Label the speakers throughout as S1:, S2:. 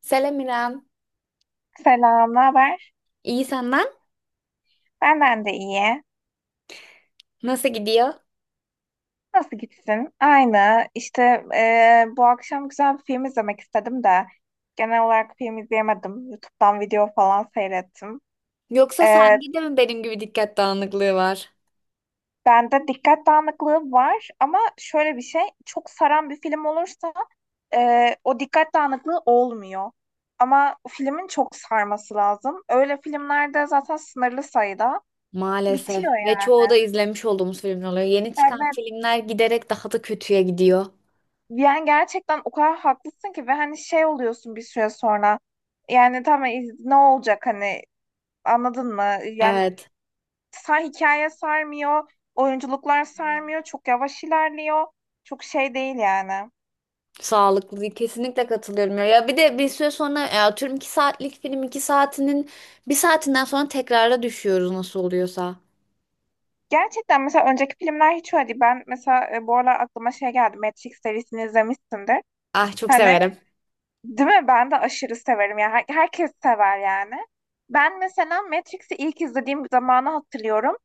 S1: Selam İrem.
S2: Selam, ne haber?
S1: İyi senden?
S2: Benden de iyi.
S1: Nasıl gidiyor?
S2: Nasıl gitsin? Aynı. İşte bu akşam güzel bir film izlemek istedim de genel olarak film izleyemedim. YouTube'dan video falan seyrettim.
S1: Yoksa
S2: E,
S1: sende de mi benim gibi dikkat dağınıklığı var?
S2: Bende dikkat dağınıklığı var ama şöyle bir şey, çok saran bir film olursa o dikkat dağınıklığı olmuyor. Ama filmin çok sarması lazım. Öyle filmlerde zaten sınırlı sayıda
S1: Maalesef.
S2: bitiyor
S1: Ve
S2: yani.
S1: çoğu da izlemiş olduğumuz filmler oluyor. Yeni çıkan
S2: Evet.
S1: filmler giderek daha da kötüye gidiyor.
S2: Yani gerçekten o kadar haklısın ki ve hani şey oluyorsun bir süre sonra. Yani tamam ne olacak hani, anladın mı? Yani
S1: Evet.
S2: hikaye sarmıyor, oyunculuklar sarmıyor, çok yavaş ilerliyor. Çok şey değil yani.
S1: Sağlıklı değil. Kesinlikle katılıyorum. Ya, bir de bir süre sonra ya, atıyorum 2 saatlik film 2 saatinin bir saatinden sonra tekrara düşüyoruz nasıl oluyorsa.
S2: Gerçekten mesela önceki filmler hiç öyle değil. Ben mesela bu aralar aklıma şey geldi. Matrix serisini izlemişsindir.
S1: Ah, çok
S2: Hani,
S1: severim.
S2: değil mi? Ben de aşırı severim. Yani herkes sever yani. Ben mesela Matrix'i ilk izlediğim zamanı hatırlıyorum.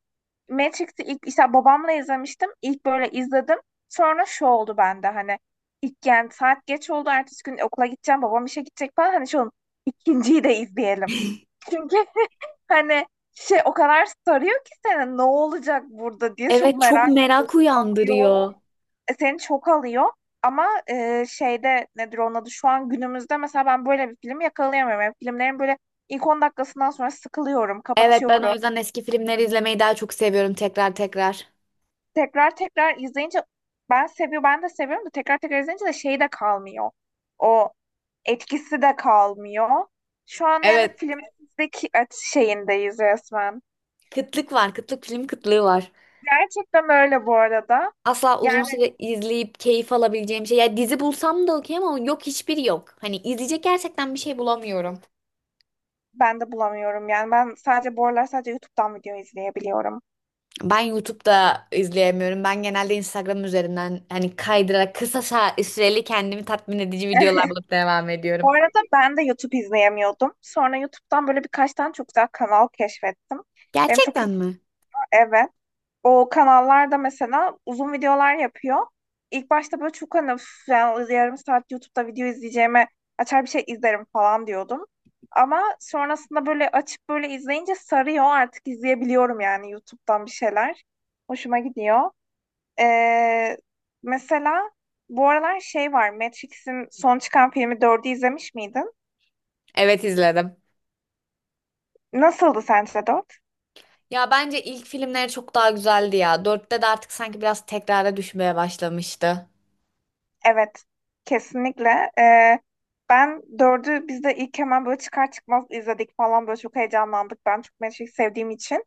S2: Matrix'i ilk işte babamla izlemiştim. İlk böyle izledim. Sonra şu oldu bende hani ilk, yani saat geç oldu. Ertesi gün okula gideceğim. Babam işe gidecek falan. Hani şu oldu, ikinciyi de izleyelim. Çünkü hani şey, o kadar sarıyor ki seni, ne olacak burada diye çok
S1: Evet, çok
S2: merak
S1: merak
S2: ediyorsun. Alıyor.
S1: uyandırıyor.
S2: Seni çok alıyor. Ama şeyde, nedir onun adı, şu an günümüzde mesela ben böyle bir film yakalayamıyorum. Yani filmlerin böyle ilk 10 dakikasından sonra sıkılıyorum,
S1: Evet, ben o
S2: kapatıyorum.
S1: yüzden eski filmleri izlemeyi daha çok seviyorum tekrar tekrar.
S2: Tekrar tekrar izleyince ben seviyorum, ben de seviyorum da tekrar tekrar izleyince de şey de kalmıyor. O etkisi de kalmıyor. Şu an yani
S1: Evet.
S2: filmdeki şeyindeyiz resmen.
S1: Kıtlık var. Kıtlık, film kıtlığı var.
S2: Gerçekten öyle bu arada.
S1: Asla uzun
S2: Yani
S1: süre izleyip keyif alabileceğim şey. Ya dizi bulsam da okey ama yok, hiçbiri yok. Hani izleyecek gerçekten bir şey bulamıyorum.
S2: ben de bulamıyorum yani, ben sadece bu aralar sadece YouTube'dan video izleyebiliyorum.
S1: Ben YouTube'da izleyemiyorum. Ben genelde Instagram üzerinden hani kaydırarak kısa sa- süreli kendimi tatmin edici videolar bulup devam
S2: Bu
S1: ediyorum.
S2: arada ben de YouTube izleyemiyordum. Sonra YouTube'dan böyle birkaç tane çok güzel kanal keşfettim. Benim çok iyi,
S1: Gerçekten mi?
S2: evet. O kanallarda mesela uzun videolar yapıyor. İlk başta böyle çok hani, "Üf, yani yarım saat YouTube'da video izleyeceğime açar bir şey izlerim" falan diyordum. Ama sonrasında böyle açıp böyle izleyince sarıyor, artık izleyebiliyorum yani YouTube'dan bir şeyler. Hoşuma gidiyor. Ee, Mesela bu aralar şey var, Matrix'in son çıkan filmi 4'ü izlemiş miydin?
S1: Evet, izledim.
S2: Nasıldı sence 4?
S1: Ya bence ilk filmleri çok daha güzeldi ya. Dörtte de artık sanki biraz tekrara düşmeye başlamıştı.
S2: Evet, kesinlikle. Ee, Ben dördü biz de ilk hemen böyle çıkar çıkmaz izledik falan, böyle çok heyecanlandık. Ben çok Matrix sevdiğim için.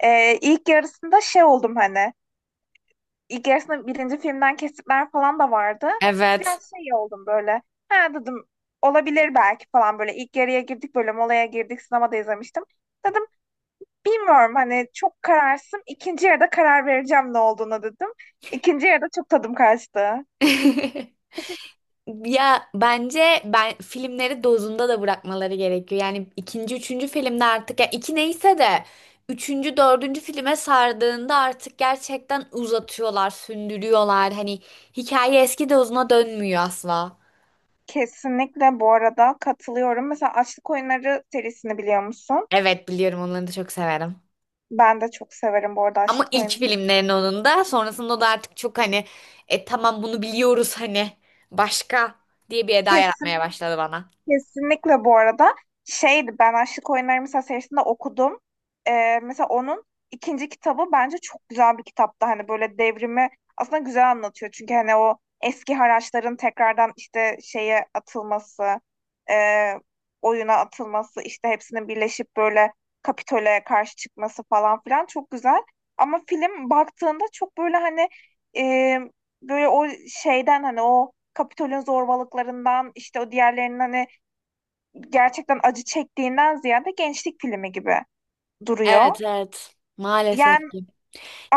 S2: İlk yarısında şey oldum hani. İlk yarısında birinci filmden kesitler falan da vardı.
S1: Evet.
S2: Biraz şey oldum böyle. Ha dedim, olabilir belki falan böyle. İlk yarıya girdik, böyle molaya girdik, sinemada izlemiştim. Dedim, bilmiyorum hani, çok kararsızım. İkinci yarıda karar vereceğim ne olduğuna, dedim. İkinci yarıda çok tadım kaçtı.
S1: Ya bence ben filmleri dozunda da bırakmaları gerekiyor. Yani ikinci, üçüncü filmde artık ya iki neyse de üçüncü, dördüncü filme sardığında artık gerçekten uzatıyorlar, sündürüyorlar. Hani hikaye eski dozuna dönmüyor asla.
S2: Kesinlikle bu arada, katılıyorum. Mesela Açlık Oyunları serisini biliyor musun?
S1: Evet, biliyorum, onları da çok severim.
S2: Ben de çok severim bu arada
S1: Ama
S2: Açlık
S1: ilk
S2: Oyunları.
S1: filmlerin onun da sonrasında da artık çok hani, tamam bunu biliyoruz, hani başka, diye bir eda yaratmaya
S2: Kesinlikle.
S1: başladı bana.
S2: Kesinlikle bu arada, şeydi, ben Aşık Oyunları mesela serisinde okudum. Mesela onun ikinci kitabı bence çok güzel bir kitaptı. Hani böyle devrimi aslında güzel anlatıyor. Çünkü hani o eski haraçların tekrardan işte şeye atılması, e, oyuna atılması, işte hepsinin birleşip böyle Kapitol'e karşı çıkması falan filan çok güzel. Ama film baktığında çok böyle hani e, böyle o şeyden, hani o Kapitol'ün zorbalıklarından, işte o diğerlerinin hani gerçekten acı çektiğinden ziyade gençlik filmi gibi duruyor.
S1: Evet evet, maalesef.
S2: Yani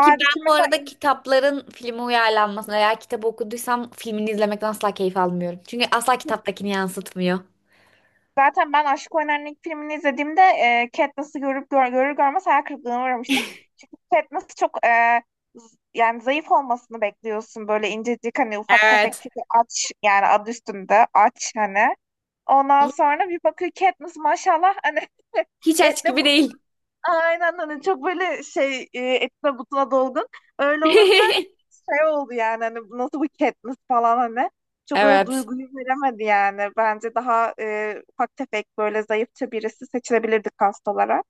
S1: Ki ben
S2: ki
S1: bu
S2: mesela
S1: arada kitapların filme uyarlanmasını veya kitabı okuduysam filmini izlemekten asla keyif almıyorum. Çünkü asla kitaptakini yansıtmıyor.
S2: zaten ben Aşk Oynar'ın ilk filmini izlediğimde Katniss'ı görür görmez hayal kırıklığına uğramıştım. Çünkü Katniss çok yani zayıf olmasını bekliyorsun. Böyle incecik, hani ufak tefek,
S1: Evet.
S2: çünkü aç, yani adı üstünde aç hani. Ondan sonra bir bakıyor Katniss maşallah hani
S1: Hiç aç
S2: etle,
S1: gibi değil.
S2: aynen, hani çok böyle şey, etine butuna dolgun. Öyle olunca şey oldu yani, hani bu nasıl bir Katniss falan hani. Çok öyle
S1: Evet.
S2: duyguyu veremedi yani. Bence daha ufak tefek böyle zayıfça birisi seçilebilirdi kast olarak.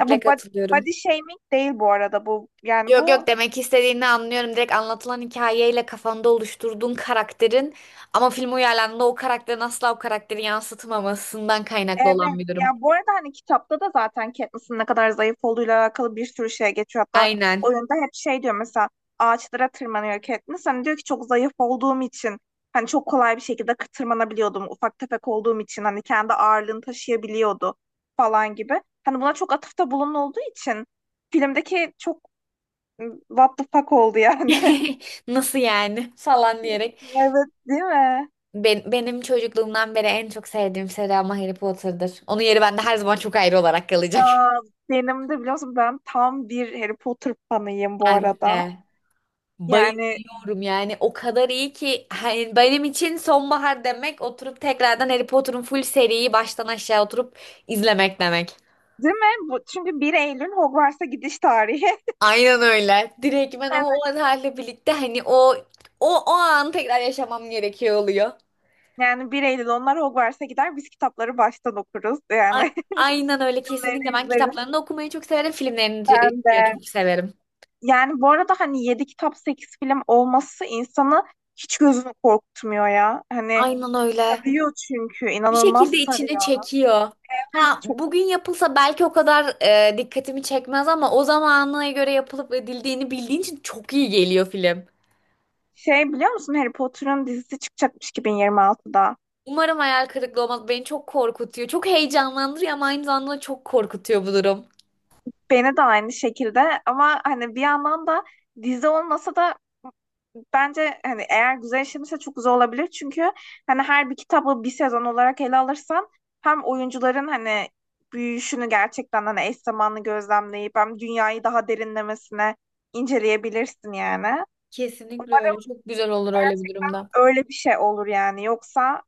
S2: Ya bu
S1: katılıyorum.
S2: body shaming değil bu arada bu. Yani
S1: Yok yok,
S2: bu.
S1: demek istediğini anlıyorum. Direkt anlatılan hikayeyle kafanda oluşturduğun karakterin ama film uyarlandığında o karakterin asla o karakteri yansıtmamasından kaynaklı olan
S2: Evet.
S1: bir
S2: Ya
S1: durum.
S2: bu arada hani kitapta da zaten Katniss'in ne kadar zayıf olduğuyla alakalı bir sürü şey geçiyor. Hatta
S1: Aynen.
S2: oyunda hep şey diyor mesela, ağaçlara tırmanıyor Katniss. Hani diyor ki çok zayıf olduğum için hani çok kolay bir şekilde tırmanabiliyordum. Ufak tefek olduğum için hani kendi ağırlığını taşıyabiliyordu falan gibi. Hani buna çok atıfta bulunulduğu için filmdeki çok what the fuck oldu yani.
S1: Nasıl yani falan diyerek.
S2: Evet, değil mi?
S1: Benim çocukluğumdan beri en çok sevdiğim seri ama Harry Potter'dır. Onun yeri bende her zaman çok ayrı olarak
S2: Ya
S1: kalacak.
S2: benim de biliyorsun, ben tam bir Harry Potter fanıyım bu
S1: Ben
S2: arada.
S1: de
S2: Yani
S1: bayılıyorum, yani o kadar iyi ki hani benim için sonbahar demek, oturup tekrardan Harry Potter'ın full seriyi baştan aşağı oturup izlemek demek.
S2: değil mi? Bu, çünkü 1 Eylül Hogwarts'a gidiş tarihi.
S1: Aynen öyle. Direkt ben o,
S2: Evet.
S1: o halde birlikte hani o anı tekrar yaşamam gerekiyor oluyor.
S2: Yani 1 Eylül onlar Hogwarts'a gider, biz kitapları baştan okuruz. Yani
S1: A- aynen öyle,
S2: onları
S1: kesinlikle, ben
S2: izleriz
S1: kitaplarını da okumayı çok severim, filmlerini de
S2: ben
S1: de
S2: de.
S1: çok severim.
S2: Yani bu arada hani 7 kitap 8 film olması insanı hiç gözünü korkutmuyor ya. Hani
S1: Aynen öyle.
S2: sarıyor, çünkü
S1: Bir
S2: inanılmaz
S1: şekilde içine
S2: sarıyor.
S1: çekiyor.
S2: Evet,
S1: Ha,
S2: çok
S1: bugün yapılsa belki o kadar dikkatimi çekmez ama o zamana göre yapılıp edildiğini bildiğin için çok iyi geliyor film.
S2: şey, biliyor musun Harry Potter'ın dizisi çıkacakmış 2026'da.
S1: Umarım hayal kırıklığı olmaz. Beni çok korkutuyor. Çok heyecanlandırıyor ama aynı zamanda çok korkutuyor bu durum.
S2: Beni de aynı şekilde, ama hani bir yandan da dizi olmasa da bence hani, eğer güzel işlenirse çok güzel olabilir. Çünkü hani her bir kitabı bir sezon olarak ele alırsan hem oyuncuların hani büyüyüşünü gerçekten hani eş zamanlı gözlemleyip hem dünyayı daha derinlemesine inceleyebilirsin yani.
S1: Kesinlikle
S2: Umarım
S1: öyle. Çok güzel olur öyle bir durumda.
S2: öyle bir şey olur yani. Yoksa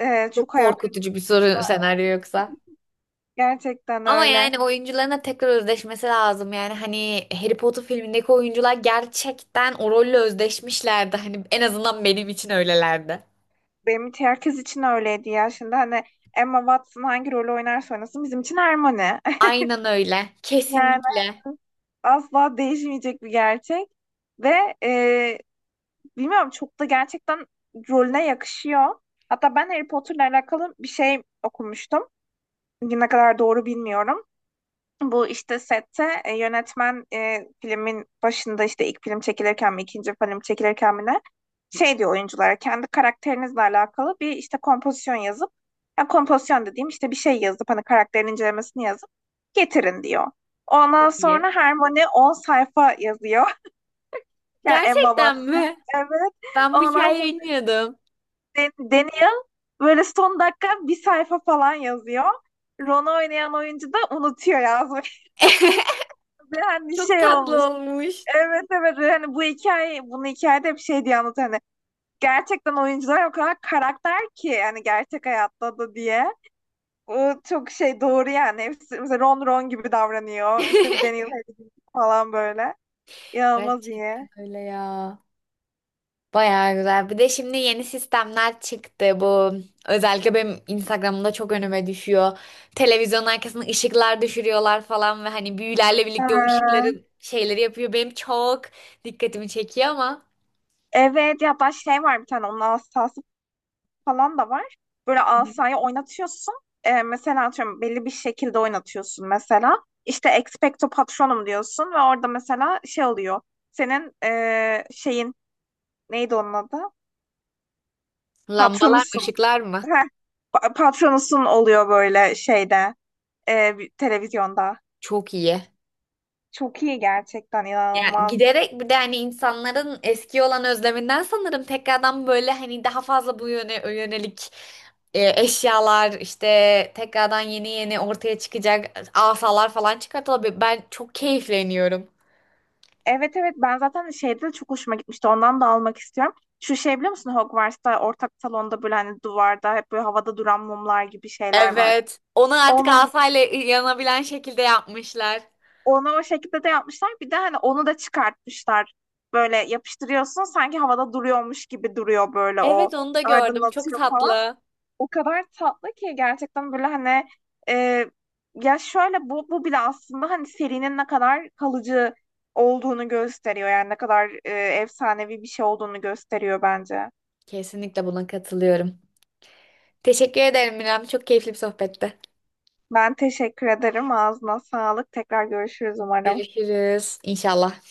S1: Çok
S2: çok ayak.
S1: korkutucu bir soru senaryo yoksa.
S2: Gerçekten
S1: Ama
S2: öyle.
S1: yani oyuncuların da tekrar özdeşmesi lazım. Yani hani Harry Potter filmindeki oyuncular gerçekten o rolle özdeşmişlerdi. Hani en azından benim için öylelerdi.
S2: Benim için, herkes için öyleydi ya. Şimdi hani Emma Watson hangi rolü oynarsa oynasın bizim için Hermione.
S1: Aynen öyle.
S2: Yani
S1: Kesinlikle.
S2: asla değişmeyecek bir gerçek. Ve e, bilmiyorum, çok da gerçekten rolüne yakışıyor. Hatta ben Harry Potter'la alakalı bir şey okumuştum. Ne kadar doğru bilmiyorum. Bu işte sette yönetmen, filmin başında, işte ilk film çekilirken mi ikinci film çekilirken mi ne, şey diyor oyunculara, kendi karakterinizle alakalı bir işte kompozisyon yazıp, ya, kompozisyon dediğim işte bir şey yazıp hani karakterin incelemesini yazıp getirin diyor. Ondan
S1: Çok iyi.
S2: sonra Hermione 10 sayfa yazıyor. Yani Emma
S1: Gerçekten
S2: Watson.
S1: mi?
S2: Evet.
S1: Ben bu
S2: Ondan
S1: hikayeyi
S2: sonra
S1: bilmiyordum.
S2: Daniel böyle son dakika bir sayfa falan yazıyor. Ron'u oynayan oyuncu da unutuyor yazmayı. Yani
S1: Çok
S2: şey
S1: tatlı
S2: olmuş.
S1: olmuş.
S2: Evet, evet, hani bu hikaye, bunu hikayede hep şey diye anlat, hani gerçekten oyuncular o kadar karakter ki hani gerçek hayatta da, diye. O çok şey, doğru yani. Hepsi mesela Ron, Ron gibi davranıyor. İşte Daniel Harris falan böyle. İnanılmaz iyi.
S1: Gerçekten öyle ya. Bayağı güzel. Bir de şimdi yeni sistemler çıktı. Bu özellikle benim Instagram'da çok önüme düşüyor. Televizyonun arkasına ışıklar düşürüyorlar falan ve hani büyülerle birlikte o
S2: Ha,
S1: ışıkların şeyleri yapıyor. Benim çok dikkatimi çekiyor ama
S2: evet, ya da şey var, bir tane onun asası falan da var. Böyle asayı oynatıyorsun. Mesela atıyorum belli bir şekilde oynatıyorsun mesela. İşte Expecto Patronum diyorsun ve orada mesela şey oluyor, senin şeyin, neydi onun adı?
S1: lambalar mı,
S2: Patronusun.
S1: ışıklar mı?
S2: Heh, patronusun oluyor böyle şeyde, televizyonda.
S1: Çok iyi.
S2: Çok iyi, gerçekten
S1: Ya
S2: inanılmaz.
S1: giderek bir de hani insanların eski olan özleminden sanırım tekrardan böyle hani daha fazla bu yöne yönelik eşyalar işte tekrardan yeni yeni ortaya çıkacak, asalar falan çıkartılabilir. Ben çok keyifleniyorum.
S2: Evet, evet, ben zaten şeyde de çok hoşuma gitmişti. Ondan da almak istiyorum. Şu şey, biliyor musun Hogwarts'ta ortak salonda böyle hani duvarda hep böyle havada duran mumlar gibi şeyler var.
S1: Evet. Onu artık
S2: Onun,
S1: asayla yanabilen şekilde yapmışlar.
S2: onu o şekilde de yapmışlar. Bir de hani onu da çıkartmışlar. Böyle yapıştırıyorsun, sanki havada duruyormuş gibi duruyor böyle, o
S1: Evet, onu da gördüm. Çok
S2: aydınlatıyor falan.
S1: tatlı.
S2: O kadar tatlı ki gerçekten, böyle hani e, ya şöyle, bu bile aslında hani serinin ne kadar kalıcı olduğunu gösteriyor yani, ne kadar efsanevi bir şey olduğunu gösteriyor bence.
S1: Kesinlikle buna katılıyorum. Teşekkür ederim Miram. Çok keyifli bir sohbetti.
S2: Ben teşekkür ederim. Ağzına sağlık. Tekrar görüşürüz umarım.
S1: Görüşürüz. İnşallah.